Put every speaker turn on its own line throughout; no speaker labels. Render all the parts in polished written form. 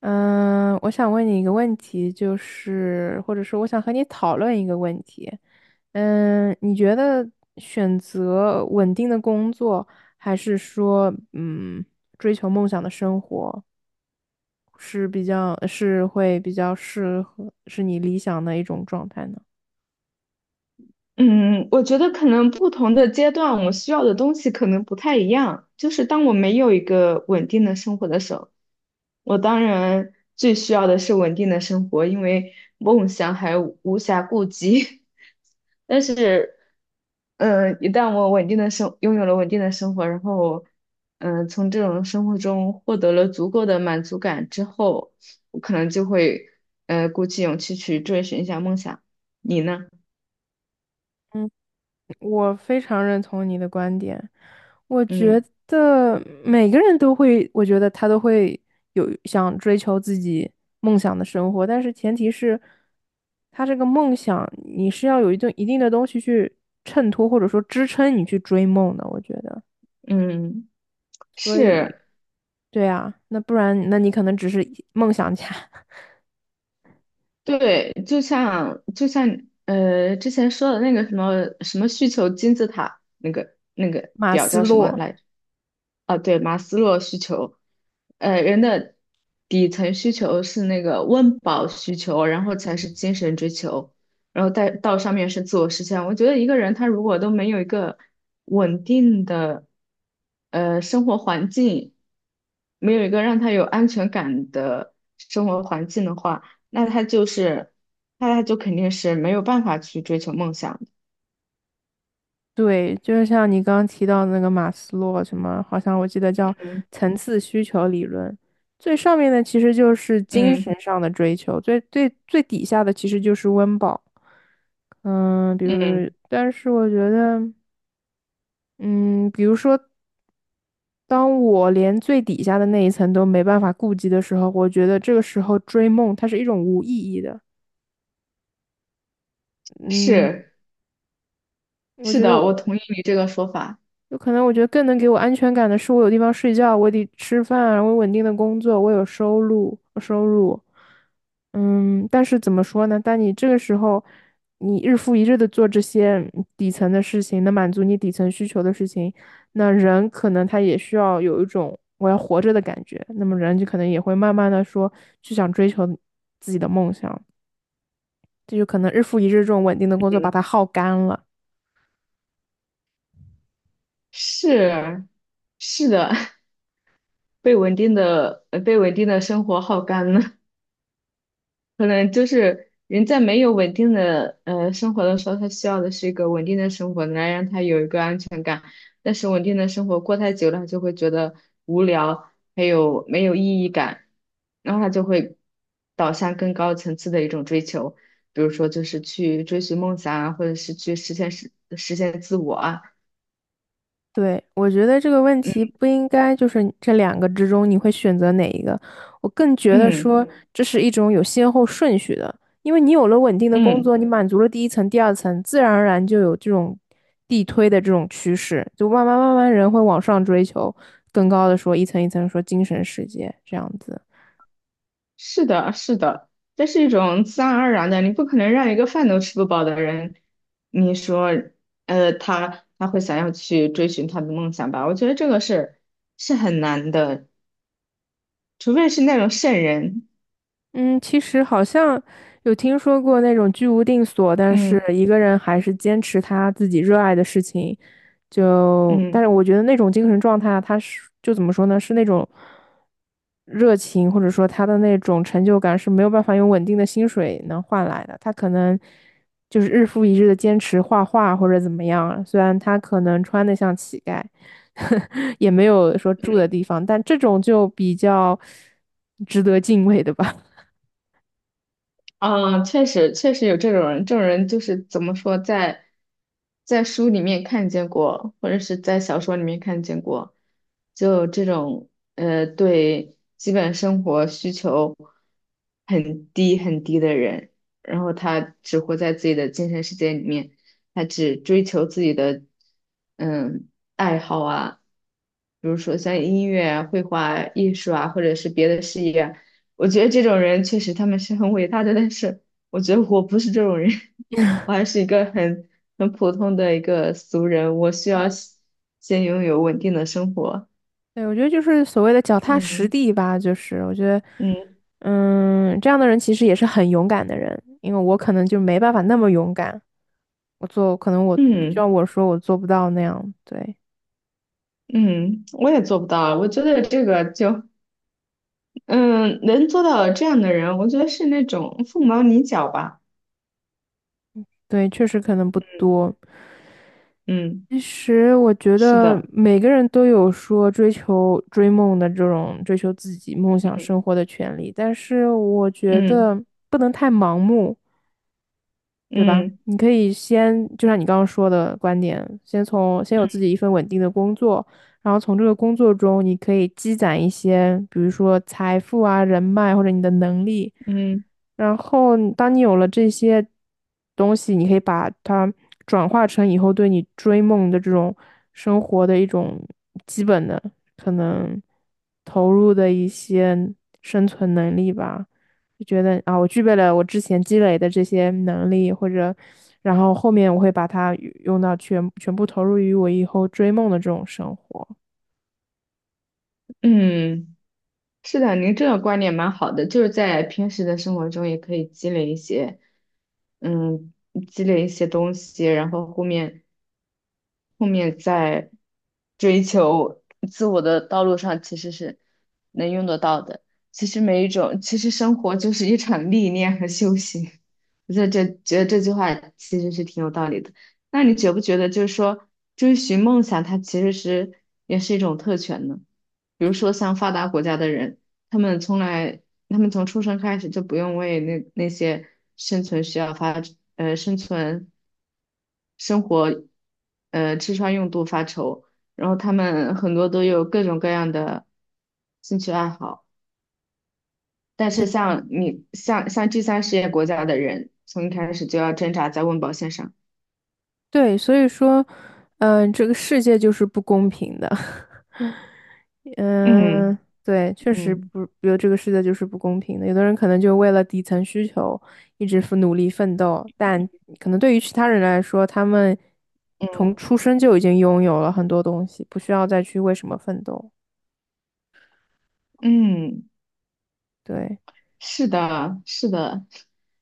嗯，我想问你一个问题，就是或者说我想和你讨论一个问题。你觉得选择稳定的工作，还是说追求梦想的生活，是比较是会比较适合是你理想的一种状态呢？
嗯，我觉得可能不同的阶段，我需要的东西可能不太一样。就是当我没有一个稳定的生活的时候，我当然最需要的是稳定的生活，因为梦想还无暇顾及。但是，一旦我稳定的生，拥有了稳定的生活，然后，从这种生活中获得了足够的满足感之后，我可能就会，鼓起勇气去追寻一下梦想。你呢？
我非常认同你的观点，我觉
嗯。
得每个人都会，我觉得他都会有想追求自己梦想的生活，但是前提是，他这个梦想你是要有一定一定的东西去衬托或者说支撑你去追梦的，我觉得。
嗯，是，
对啊，那不然那你可能只是梦想家，
对，就像之前说的那个什么什么需求金字塔那个
马
表
斯
叫什么
洛。
来着？啊，对，马斯洛需求，呃，人的底层需求是那个温饱需求，然后才是精神追求，然后再到上面是自我实现。我觉得一个人他如果都没有一个稳定的生活环境，没有一个让他有安全感的生活环境的话，那他就是，那他就肯定是没有办法去追求梦想。
对，就是像你刚刚提到那个马斯洛什么，好像我记得叫
嗯
层次需求理论，最上面的其实就是精
嗯
神上的追求，最最最底下的其实就是温饱。嗯，比如，
嗯，
但是我觉得，嗯，比如说，当我连最底下的那一层都没办法顾及的时候，我觉得这个时候追梦它是一种无意义的。嗯，
是，
我
是
觉得。
的，我同意你这个说法。
有可能我觉得更能给我安全感的是，我有地方睡觉，我得吃饭，我有稳定的工作，我有收入但是怎么说呢？当你这个时候，你日复一日的做这些底层的事情，能满足你底层需求的事情，那人可能他也需要有一种我要活着的感觉，那么人就可能也会慢慢的说去想追求自己的梦想，这就可能日复一日这种稳定的工作把
嗯，
它耗干了。
是，是的，被稳定的生活耗干了。可能就是人在没有稳定的生活的时候，他需要的是一个稳定的生活，来让他有一个安全感。但是稳定的生活过太久了，他就会觉得无聊，还有没有意义感，然后他就会导向更高层次的一种追求，比如说就是去追寻梦想啊，或者是去实现自我啊，
对，我觉得这个问题
嗯
不应该就是这两个之中你会选择哪一个。我更觉得
嗯。
说这是一种有先后顺序的，因为你有了稳定的工
嗯，
作，你满足了第一层、第二层，自然而然就有这种递推的这种趋势，就慢慢慢慢人会往上追求更高的说一层一层说精神世界这样子。
是的，是的，这是一种自然而然的，你不可能让一个饭都吃不饱的人，你说，呃，他会想要去追寻他的梦想吧？我觉得这个是是很难的，除非是那种圣人。
嗯，其实好像有听说过那种居无定所，但是
嗯
一个人还是坚持他自己热爱的事情，但是
嗯。
我觉得那种精神状态，他是就怎么说呢，是那种热情，或者说他的那种成就感是没有办法用稳定的薪水能换来的。他可能就是日复一日的坚持画画或者怎么样啊，虽然他可能穿得像乞丐，也没有说住的地方，但这种就比较值得敬畏的吧。
嗯，确实，确实有这种人，这种人就是怎么说，在书里面看见过，或者是在小说里面看见过，就这种呃，对基本生活需求很低很低的人，然后他只活在自己的精神世界里面，他只追求自己的嗯爱好啊，比如说像音乐啊、绘画啊艺术啊，或者是别的事业啊我觉得这种人确实他们是很伟大的，但是我觉得我不是这种人，我还是一个很普通的一个俗人，我需要先拥有稳定的生活。
对，我觉得就是所谓的脚踏实
嗯
地吧，就是我觉得，
嗯
这样的人其实也是很勇敢的人，因为我可能就没办法那么勇敢，可能我就
嗯
像我说我做不到那样，对
嗯，我也做不到啊，我觉得这个就嗯，能做到这样的人，我觉得是那种凤毛麟角吧。
对，确实可能不多。
嗯，
其实我觉
是
得
的，
每个人都有说追求追梦的这种追求自己梦想生活的权利，但是我觉
嗯
得不能太盲目。对吧？
嗯
你可以先，就像你刚刚说的观点，先从先有自己一份稳定的工作，然后从这个工作中，你可以积攒一些，比如说财富啊、人脉或者你的能力。
嗯嗯
然后你当你有了这些东西，你可以把它转化成以后对你追梦的这种生活的一种基本的可能投入的一些生存能力吧。就觉得啊，我具备了我之前积累的这些能力，或者，然后后面我会把它与用到全全部投入于我以后追梦的这种生活。
嗯。是的，您这个观点蛮好的，就是在平时的生活中也可以积累一些，嗯，积累一些东西，然后后面后面在追求自我的道路上，其实是能用得到的。其实每一种，其实生活就是一场历练和修行。我觉得这句话其实是挺有道理的。那你觉不觉得，就是说追寻梦想，它其实是也是一种特权呢？比如说像发达国家的人，他们从来他们从出生开始就不用为那些生存需要发，生存、生活，吃穿用度发愁。然后他们很多都有各种各样的兴趣爱好，但是像你像像第三世界国家的人，从一开始就要挣扎在温饱线上。
对，所以说，这个世界就是不公平的。
嗯
嗯，对，确实
嗯
不，比如这个世界就是不公平的。有的人可能就为了底层需求一直努力奋斗，但可能对于其他人来说，他们从
嗯
出生就已经拥有了很多东西，不需要再去为什么奋斗。
嗯。
对。
是的，是的，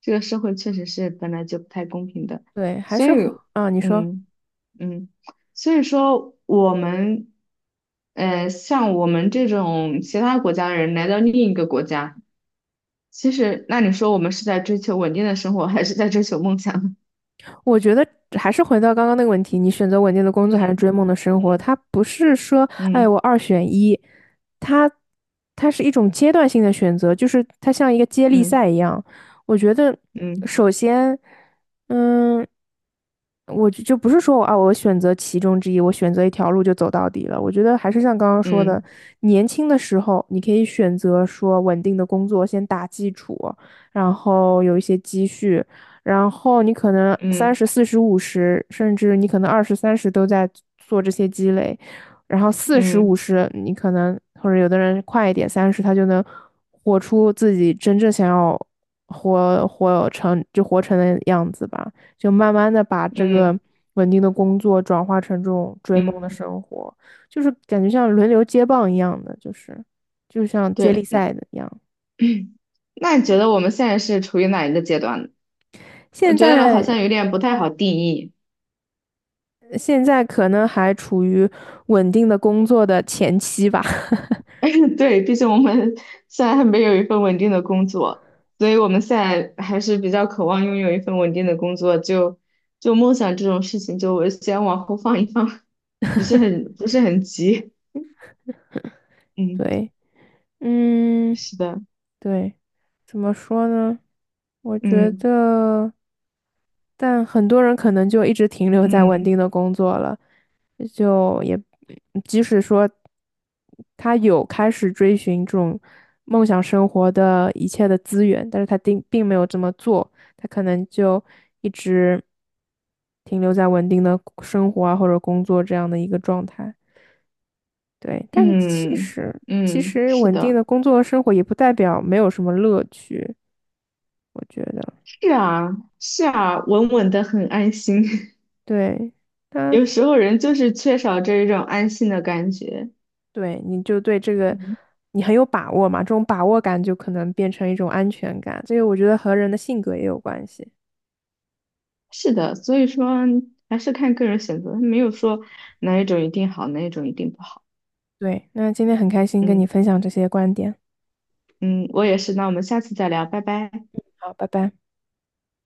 这个社会确实是本来就不太公平的，
对，还
所以，
是回啊，你说，
嗯嗯，所以说我们，呃，像我们这种其他国家的人来到另一个国家，其实那你说我们是在追求稳定的生活，还是在追求梦想呢？
我觉得还是回到刚刚那个问题，你选择稳定的工作还是追梦的生 活？
嗯
它不是说，哎，
嗯
我二选一，它它是一种阶段性的选择，就是它像一个接力
嗯
赛一样。我觉得，
嗯
首先，嗯，我就不是说我啊，我选择其中之一，我选择一条路就走到底了。我觉得还是像刚刚说的，
嗯
年轻的时候你可以选择说稳定的工作先打基础，然后有一些积蓄。然后你可能三
嗯
十、四十、五十，甚至你可能二十、三十都在做这些积累，然后四十、五
嗯
十，你可能或者有的人快一点，三十他就能活出自己真正想要活成的样子吧，就慢慢的把这个
嗯
稳定的工作转化成这种追梦的
嗯，
生活，就是感觉像轮流接棒一样的，就是就像接力
对，那
赛的一样。
那你觉得我们现在是处于哪一个阶段呢？我
现
觉得好
在
像有点不太好定义。
现在可能还处于稳定的工作的前期吧。
对，毕竟我们现在还没有一份稳定的工作，所以我们现在还是比较渴望拥有一份稳定的工作。就梦想这种事情，就我先往后放一放，不是很急。嗯，
对，嗯，
是的，
对，怎么说呢？我觉
嗯
得，但很多人可能就一直停留在稳
嗯
定的工作了，就也即使说他有开始追寻这种梦想生活的一切的资源，但是他并没有这么做，他可能就一直停留在稳定的生活啊或者工作这样的一个状态。对，但其
嗯
实其
嗯，
实
是
稳定
的，
的工作生活也不代表没有什么乐趣，我觉得，
是啊是啊，稳稳的很安心。
对，他
有时候人就是缺少这一种安心的感觉。
对你就对这个
嗯。
你很有把握嘛，这种把握感就可能变成一种安全感，这个我觉得和人的性格也有关系。
是的，所以说还是看个人选择，没有说哪一种一定好，哪一种一定不好。
对，那今天很开心跟你
嗯
分享这些观点，
嗯，我也是，那我们下次再聊，拜拜。
好，拜拜。